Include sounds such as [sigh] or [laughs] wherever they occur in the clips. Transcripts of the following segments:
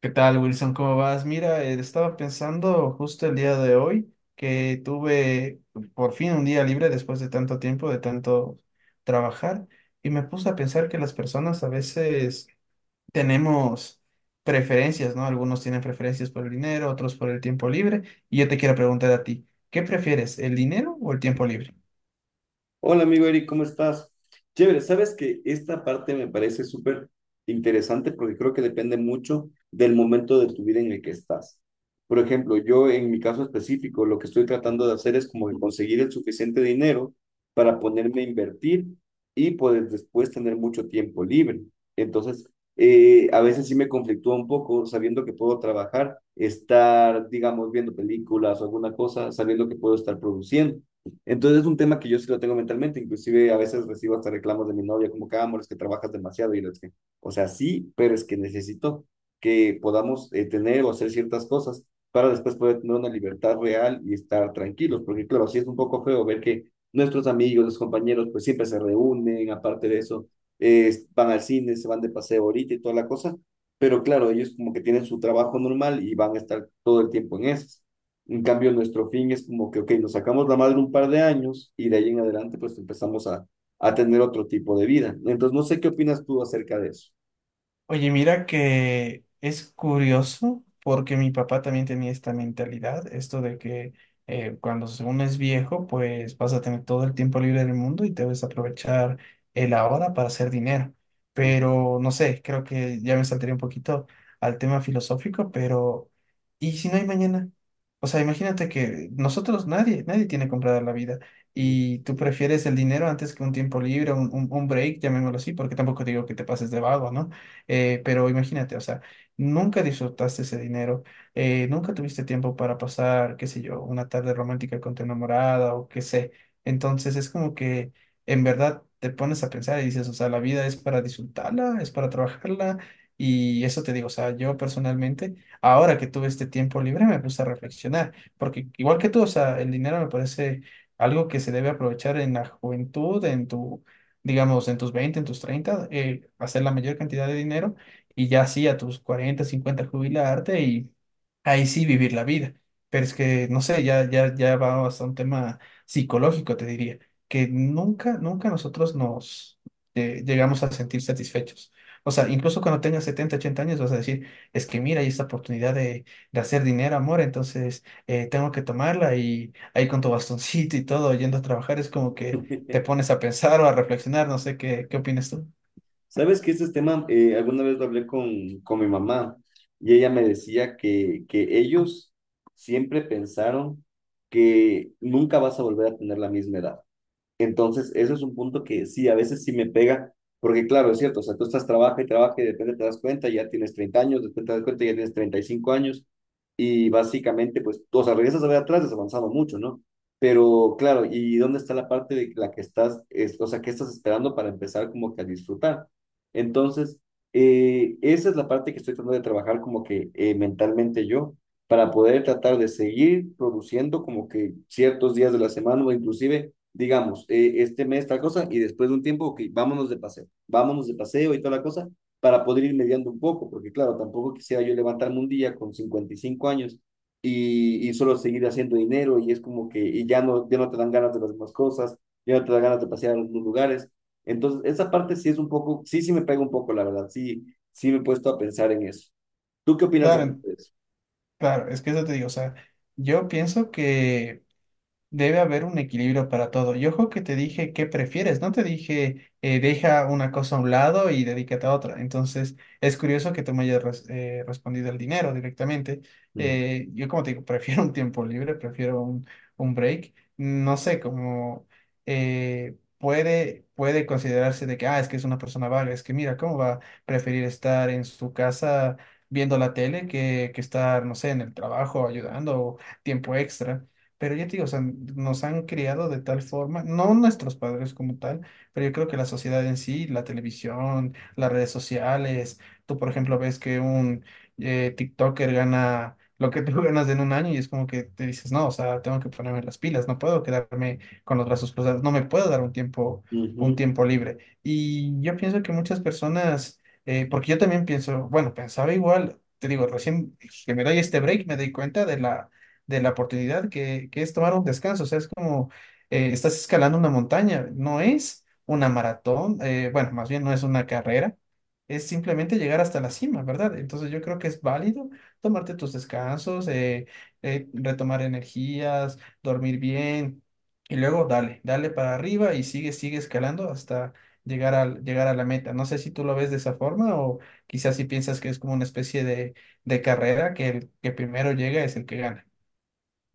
¿Qué tal, Wilson? ¿Cómo vas? Mira, estaba pensando justo el día de hoy que tuve por fin un día libre después de tanto tiempo, de tanto trabajar, y me puse a pensar que las personas a veces tenemos preferencias, ¿no? Algunos tienen preferencias por el dinero, otros por el tiempo libre, y yo te quiero preguntar a ti, ¿qué prefieres, el dinero o el tiempo libre? Hola amigo Eric, ¿cómo estás? Chévere, sabes que esta parte me parece súper interesante porque creo que depende mucho del momento de tu vida en el que estás. Por ejemplo, yo en mi caso específico, lo que estoy tratando de hacer es como que conseguir el suficiente dinero para ponerme a invertir y poder después tener mucho tiempo libre. Entonces, a veces sí me conflictúa un poco sabiendo que puedo trabajar, estar, digamos, viendo películas o alguna cosa, sabiendo que puedo estar produciendo. Entonces es un tema que yo sí lo tengo mentalmente, inclusive a veces recibo hasta reclamos de mi novia como que, ah, amor, es que trabajas demasiado y yo, es que, o sea, sí, pero es que necesito que podamos tener o hacer ciertas cosas para después poder tener una libertad real y estar tranquilos, porque claro, sí es un poco feo ver que nuestros amigos, los compañeros, pues siempre se reúnen, aparte de eso, van al cine, se van de paseo ahorita y toda la cosa, pero claro, ellos como que tienen su trabajo normal y van a estar todo el tiempo en eso. En cambio, nuestro fin es como que, ok, nos sacamos la madre un par de años y de ahí en adelante pues empezamos a tener otro tipo de vida. Entonces, no sé qué opinas tú acerca de eso. Oye, mira que es curioso porque mi papá también tenía esta mentalidad, esto de que cuando según es viejo, pues vas a tener todo el tiempo libre del mundo y debes aprovechar el ahora para hacer dinero. Pero no sé, creo que ya me saltaría un poquito al tema filosófico, pero ¿y si no hay mañana? O sea, imagínate que nosotros nadie, nadie tiene comprada la vida y tú prefieres el dinero antes que un tiempo libre, un break, llamémoslo así, porque tampoco digo que te pases de vago, ¿no? Pero imagínate, o sea, nunca disfrutaste ese dinero, nunca tuviste tiempo para pasar, qué sé yo, una tarde romántica con tu enamorada o qué sé. Entonces es como que en verdad te pones a pensar y dices, o sea, la vida es para disfrutarla, es para trabajarla. Y eso te digo, o sea, yo personalmente, ahora que tuve este tiempo libre, me puse a reflexionar, porque igual que tú, o sea, el dinero me parece algo que se debe aprovechar en la juventud, en tu digamos, en tus 20, en tus 30, hacer la mayor cantidad de dinero y ya sí, a tus 40, 50 jubilarte y ahí sí vivir la vida. Pero es que, no sé, ya va hasta un tema psicológico, te diría, que nunca nosotros nos llegamos a sentir satisfechos. O sea, incluso cuando tengas 70, 80 años vas a decir, es que mira, hay esta oportunidad de hacer dinero, amor, entonces tengo que tomarla y ahí con tu bastoncito y todo, yendo a trabajar, es como que te pones a pensar o a reflexionar, no sé qué, qué opinas tú. Sabes que este tema, alguna vez lo hablé con mi mamá y ella me decía que ellos siempre pensaron que nunca vas a volver a tener la misma edad. Entonces, eso es un punto que sí, a veces sí me pega, porque claro, es cierto, o sea, tú estás trabaja y trabaja y de repente te das cuenta, ya tienes 30 años, después te das cuenta, ya tienes 35 años, y básicamente, pues, tú, o sea, regresas a ver atrás, has avanzado mucho, ¿no? Pero claro, ¿y dónde está la parte de la que estás, o sea, qué estás esperando para empezar como que a disfrutar? Entonces, esa es la parte que estoy tratando de trabajar como que mentalmente yo, para poder tratar de seguir produciendo como que ciertos días de la semana o inclusive digamos, este mes tal cosa y después de un tiempo, ok, vámonos de paseo y toda la cosa para poder ir mediando un poco, porque claro, tampoco quisiera yo levantarme un día con 55 años y solo seguir haciendo dinero y es como que y ya no, ya no te dan ganas de las demás cosas, ya no te dan ganas de pasear a algunos lugares. Entonces, esa parte sí es un poco, sí, sí me pega un poco, la verdad, sí, sí me he puesto a pensar en eso. ¿Tú qué opinas a Claro, de eso? claro, es que eso te digo, o sea, yo pienso que debe haber un equilibrio para todo. Y ojo que te dije qué prefieres, no te dije deja una cosa a un lado y dedícate a otra. Entonces, es curioso que tú me hayas respondido el dinero directamente. Mm. Yo, como te digo, [laughs] prefiero un tiempo libre, prefiero un break. No sé, como puede considerarse de que, ah, es que es una persona vaga, es que mira, ¿cómo va a preferir estar en su casa viendo la tele que estar, no sé, en el trabajo ayudando o tiempo extra? Pero yo te digo, o sea, nos han criado de tal forma, no nuestros padres como tal, pero yo creo que la sociedad en sí, la televisión, las redes sociales, tú por ejemplo ves que un TikToker gana lo que tú [laughs] ganas en un año y es como que te dices, no, o sea, tengo que ponerme las pilas, no puedo quedarme con los brazos cruzados, no me puedo dar un Ujú. tiempo libre. Y yo pienso que muchas personas, porque yo también pienso, bueno, pensaba igual, te digo, recién que me doy este break, me doy cuenta de la oportunidad que es tomar un descanso. O sea, es como estás escalando una montaña, no es una maratón, bueno, más bien no es una carrera, es simplemente llegar hasta la cima, ¿verdad? Entonces yo creo que es válido tomarte tus descansos, retomar energías, dormir bien y luego dale, dale para arriba y sigue escalando hasta... llegar a la meta. No sé si tú lo ves de esa forma o quizás si piensas que es como una especie de carrera, que el que primero llega es el que gana.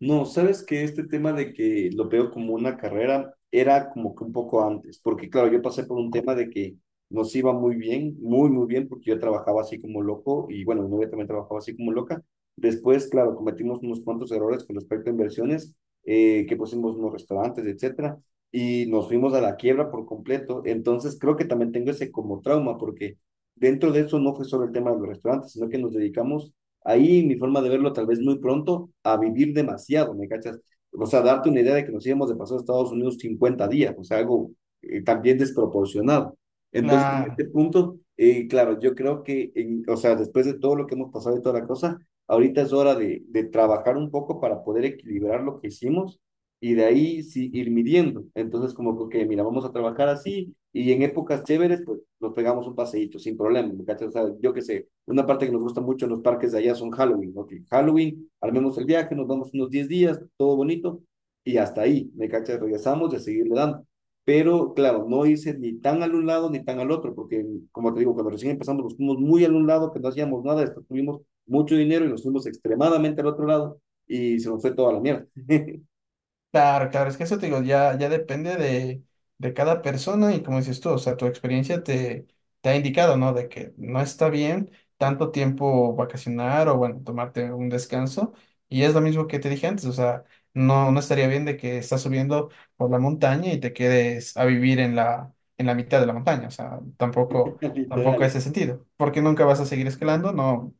No, sabes que este tema de que lo veo como una carrera era como que un poco antes, porque claro, yo pasé por un tema de que nos iba muy bien, muy, muy bien, porque yo trabajaba así como loco y bueno, mi novia también trabajaba así como loca. Después, claro, cometimos unos cuantos errores con respecto a inversiones, que pusimos unos restaurantes, etcétera, y nos fuimos a la quiebra por completo. Entonces, creo que también tengo ese como trauma, porque dentro de eso no fue solo el tema de los restaurantes, sino que nos dedicamos ahí mi forma de verlo tal vez muy pronto, a vivir demasiado, ¿me cachas? O sea, darte una idea de que nos íbamos de paso a Estados Unidos 50 días, o sea, algo también desproporcionado. Entonces, en este Claro, punto, claro, yo creo que, o sea, después de todo lo que hemos pasado y toda la cosa, ahorita es hora de trabajar un poco para poder equilibrar lo que hicimos y de ahí sí ir midiendo. Entonces, como que, ok, mira, vamos a trabajar así y en épocas chéveres, pues nos pegamos un paseíto sin problema, ¿me cachas? O sea, yo qué sé, una parte que nos gusta mucho en los parques de allá son Halloween, ¿no? Que Halloween, armemos el viaje, nos vamos unos 10 días, todo bonito, y hasta ahí, ¿me cachas? Regresamos y a seguirle dando. Pero claro, no hice ni tan al un lado ni tan al otro, porque como te digo, cuando recién empezamos nos fuimos muy al un lado, que no hacíamos nada, después tuvimos mucho dinero y nos fuimos extremadamente al otro lado y se nos fue toda la mierda, claro, claro, es que eso te digo, ya depende de cada persona y como dices tú, o sea, tu experiencia te ha indicado, ¿no? De que no está bien tanto tiempo vacacionar o, bueno, tomarte un descanso. Y es lo mismo que te dije antes, o sea, no, no estaría bien de que estás subiendo por la montaña y te quedes a vivir en la mitad de la montaña, o sea, tampoco, [laughs] tampoco literal. ese sentido, porque nunca vas a seguir escalando, no,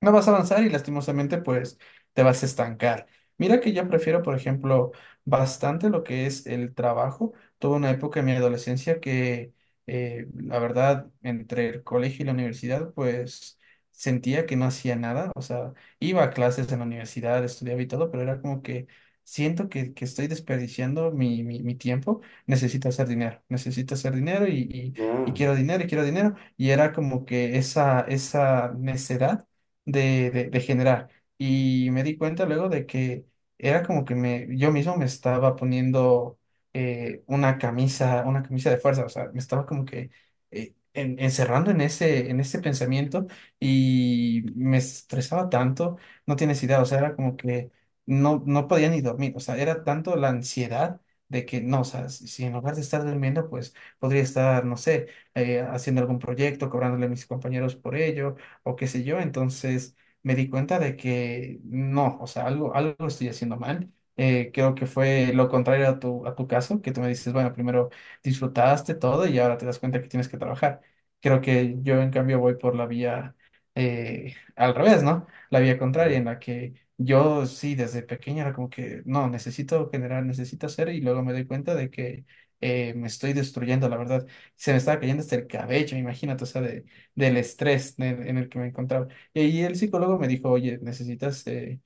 no vas a avanzar y lastimosamente pues te vas a estancar. Mira que yo prefiero, por ejemplo, bastante lo que es el trabajo. Tuve una época en mi adolescencia la verdad, entre el colegio y la universidad, pues sentía que no hacía nada. O sea, iba a clases en la universidad, estudiaba y todo, pero era como que siento que estoy desperdiciando mi tiempo. Necesito hacer dinero y Ah, quiero dinero y quiero dinero. Y era como que esa necedad de generar. Y me di cuenta luego de que era como que me, yo mismo me estaba poniendo una camisa de fuerza, o sea, me estaba como que encerrando en ese pensamiento y me estresaba tanto, no tienes idea, o sea, era como que no, no podía ni dormir, o sea, era tanto la ansiedad. De que no, o sea, si si en lugar de estar durmiendo, pues podría estar, no sé, haciendo algún proyecto, cobrándole a mis compañeros por ello, o qué sé yo. Entonces me di cuenta de que no, o sea, algo estoy haciendo mal. Creo que fue lo contrario a tu caso, que tú me dices, bueno, primero disfrutaste todo y ahora te das cuenta que tienes que trabajar. Creo que yo en cambio voy por la vía al revés, ¿no? La vía contraria ya. en la que... Yo sí, desde pequeña era como que, no, necesito generar, necesito hacer, y luego me doy cuenta de que me estoy destruyendo, la verdad. Se me estaba cayendo hasta el cabello, imagínate, o sea, del estrés en el que me encontraba. Y ahí el psicólogo me dijo, oye, necesitas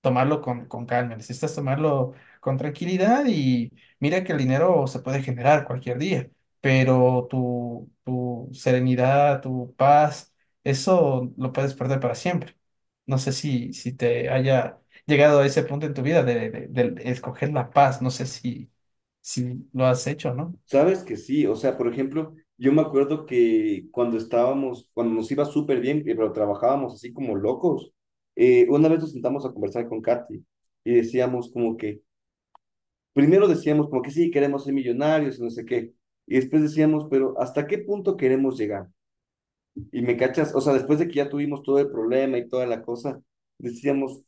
tomarlo con calma, necesitas tomarlo con tranquilidad y mira que el dinero se puede generar cualquier día, pero tu serenidad, tu paz, eso lo puedes perder para siempre. No sé si, si te haya llegado a ese punto en tu vida de, de escoger la paz, no sé si, si lo has hecho, ¿no? Sabes que sí, o sea, por ejemplo, yo me acuerdo que cuando estábamos, cuando nos iba súper bien, pero trabajábamos así como locos, una vez nos sentamos a conversar con Katy y decíamos como que, primero decíamos como que sí, queremos ser millonarios y no sé qué, y después decíamos, pero ¿hasta qué punto queremos llegar? Y me cachas, o sea, después de que ya tuvimos todo el problema y toda la cosa, decíamos,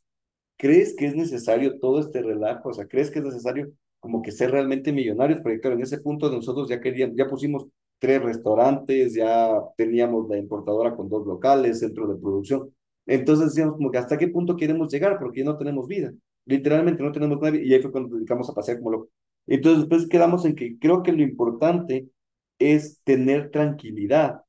¿crees que es necesario todo este relajo? O sea, ¿crees que es necesario como que ser realmente millonarios? Porque claro, en ese punto nosotros ya queríamos, ya pusimos tres restaurantes, ya teníamos la importadora con dos locales, centro de producción. Entonces decíamos como que hasta qué punto queremos llegar, porque ya no tenemos vida. Literalmente no tenemos nadie y ahí fue cuando nos dedicamos a pasear como locos. Entonces después quedamos en que creo que lo importante es tener tranquilidad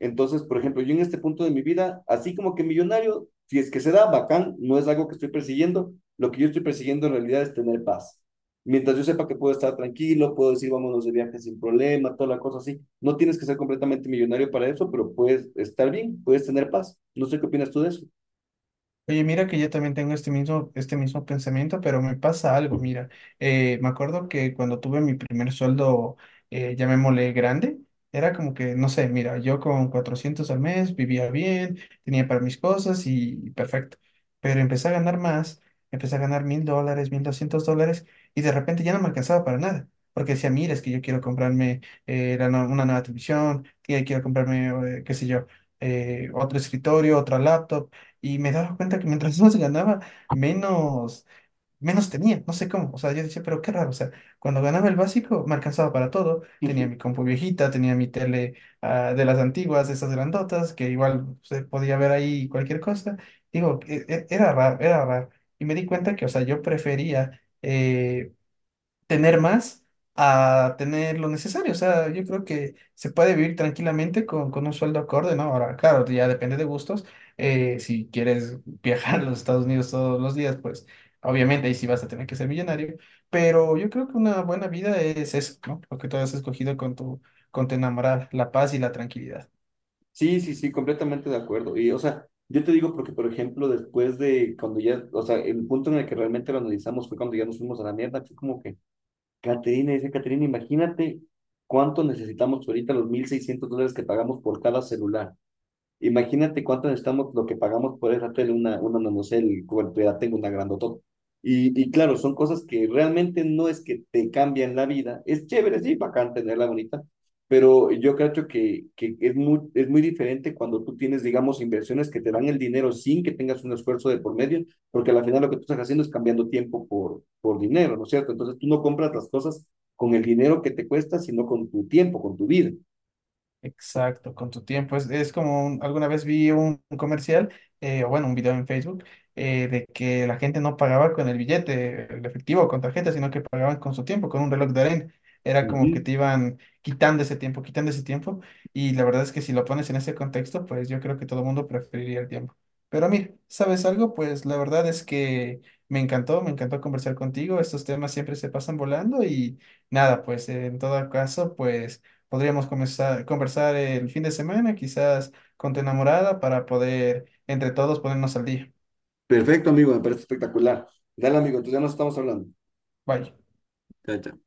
entonces, por ejemplo, yo en este punto de mi vida, así como que millonario, si es que se da, bacán, no es algo que estoy persiguiendo, lo que yo estoy persiguiendo en realidad es tener paz. Mientras yo sepa que puedo estar tranquilo, puedo decir vámonos de viaje sin problema, toda la cosa así. No tienes que ser completamente millonario para eso, pero puedes estar bien, puedes tener paz. No sé qué opinas tú de eso. Oye, mira que yo también tengo este mismo pensamiento, pero me pasa algo, mira, me acuerdo que cuando tuve mi primer sueldo, llamémosle grande, era como que, no sé, mira, yo con 400 al mes vivía bien, tenía para mis cosas y perfecto, pero empecé a ganar más, empecé a ganar $1,000, $1,200 y de repente ya no me alcanzaba para nada. Porque decía, mira, es que yo quiero comprarme una nueva televisión, que quiero comprarme, qué sé yo, otro escritorio, otra laptop y me daba cuenta que mientras más ganaba, menos, menos tenía, no sé cómo. O sea, yo decía, pero qué raro. O sea, cuando ganaba el básico, me alcanzaba para todo. Tenía mi [laughs] compu viejita, tenía mi tele de las antiguas, de esas grandotas, que igual se podía ver ahí cualquier cosa. Digo, era raro, era raro. Y me di cuenta que, o sea, yo prefería tener más a tener lo necesario. O sea, yo creo que se puede vivir tranquilamente con un sueldo acorde, ¿no? Ahora, claro, ya depende de gustos. Si quieres [laughs] viajar a los Estados Unidos todos los días, pues obviamente ahí sí vas a tener que ser millonario. Pero yo creo que una buena vida es eso, ¿no? Lo que tú has escogido con tu enamorada, la paz y la tranquilidad. Sí, sí, sí, completamente de acuerdo. Y, o sea, yo te digo porque, por ejemplo, después de cuando ya, o sea, el punto en el que realmente lo analizamos fue cuando ya nos fuimos a la mierda, fue como que Caterina, dice Caterina, imagínate cuánto necesitamos ahorita los $1.600 que pagamos por cada celular. Imagínate cuánto necesitamos lo que pagamos por esa tele, una nanocell, bueno, yo ya tengo una grandotota. Y claro, son cosas que realmente no es que te cambian la vida. Es chévere, sí, bacán tenerla bonita, pero yo creo que es muy diferente cuando tú tienes, digamos, inversiones que te dan el dinero sin que tengas un esfuerzo de por medio, porque al final lo que tú estás haciendo es cambiando tiempo por dinero, ¿no es cierto? Entonces tú no compras las cosas con el dinero que te cuesta, sino con tu tiempo, con tu vida. Exacto, con tu tiempo. Es como alguna vez vi un comercial, o bueno, un video en Facebook, de que la gente no pagaba con el billete, el efectivo con tarjeta, sino que pagaban con su tiempo, con un reloj de arena. Era Ujú. como que te iban quitando ese tiempo, quitando ese tiempo. Y la verdad es que si lo pones en ese contexto, pues yo creo que todo el mundo preferiría el tiempo. Pero mira, ¿sabes algo? Pues la verdad es que me encantó conversar contigo. Estos temas siempre se pasan volando y nada, pues en todo caso, pues... Podríamos comenzar, conversar el fin de semana, quizás con tu enamorada, para poder entre todos ponernos al día. Perfecto, amigo, me parece espectacular. Dale, amigo, entonces ya nos estamos hablando. Bye. Chao, chao.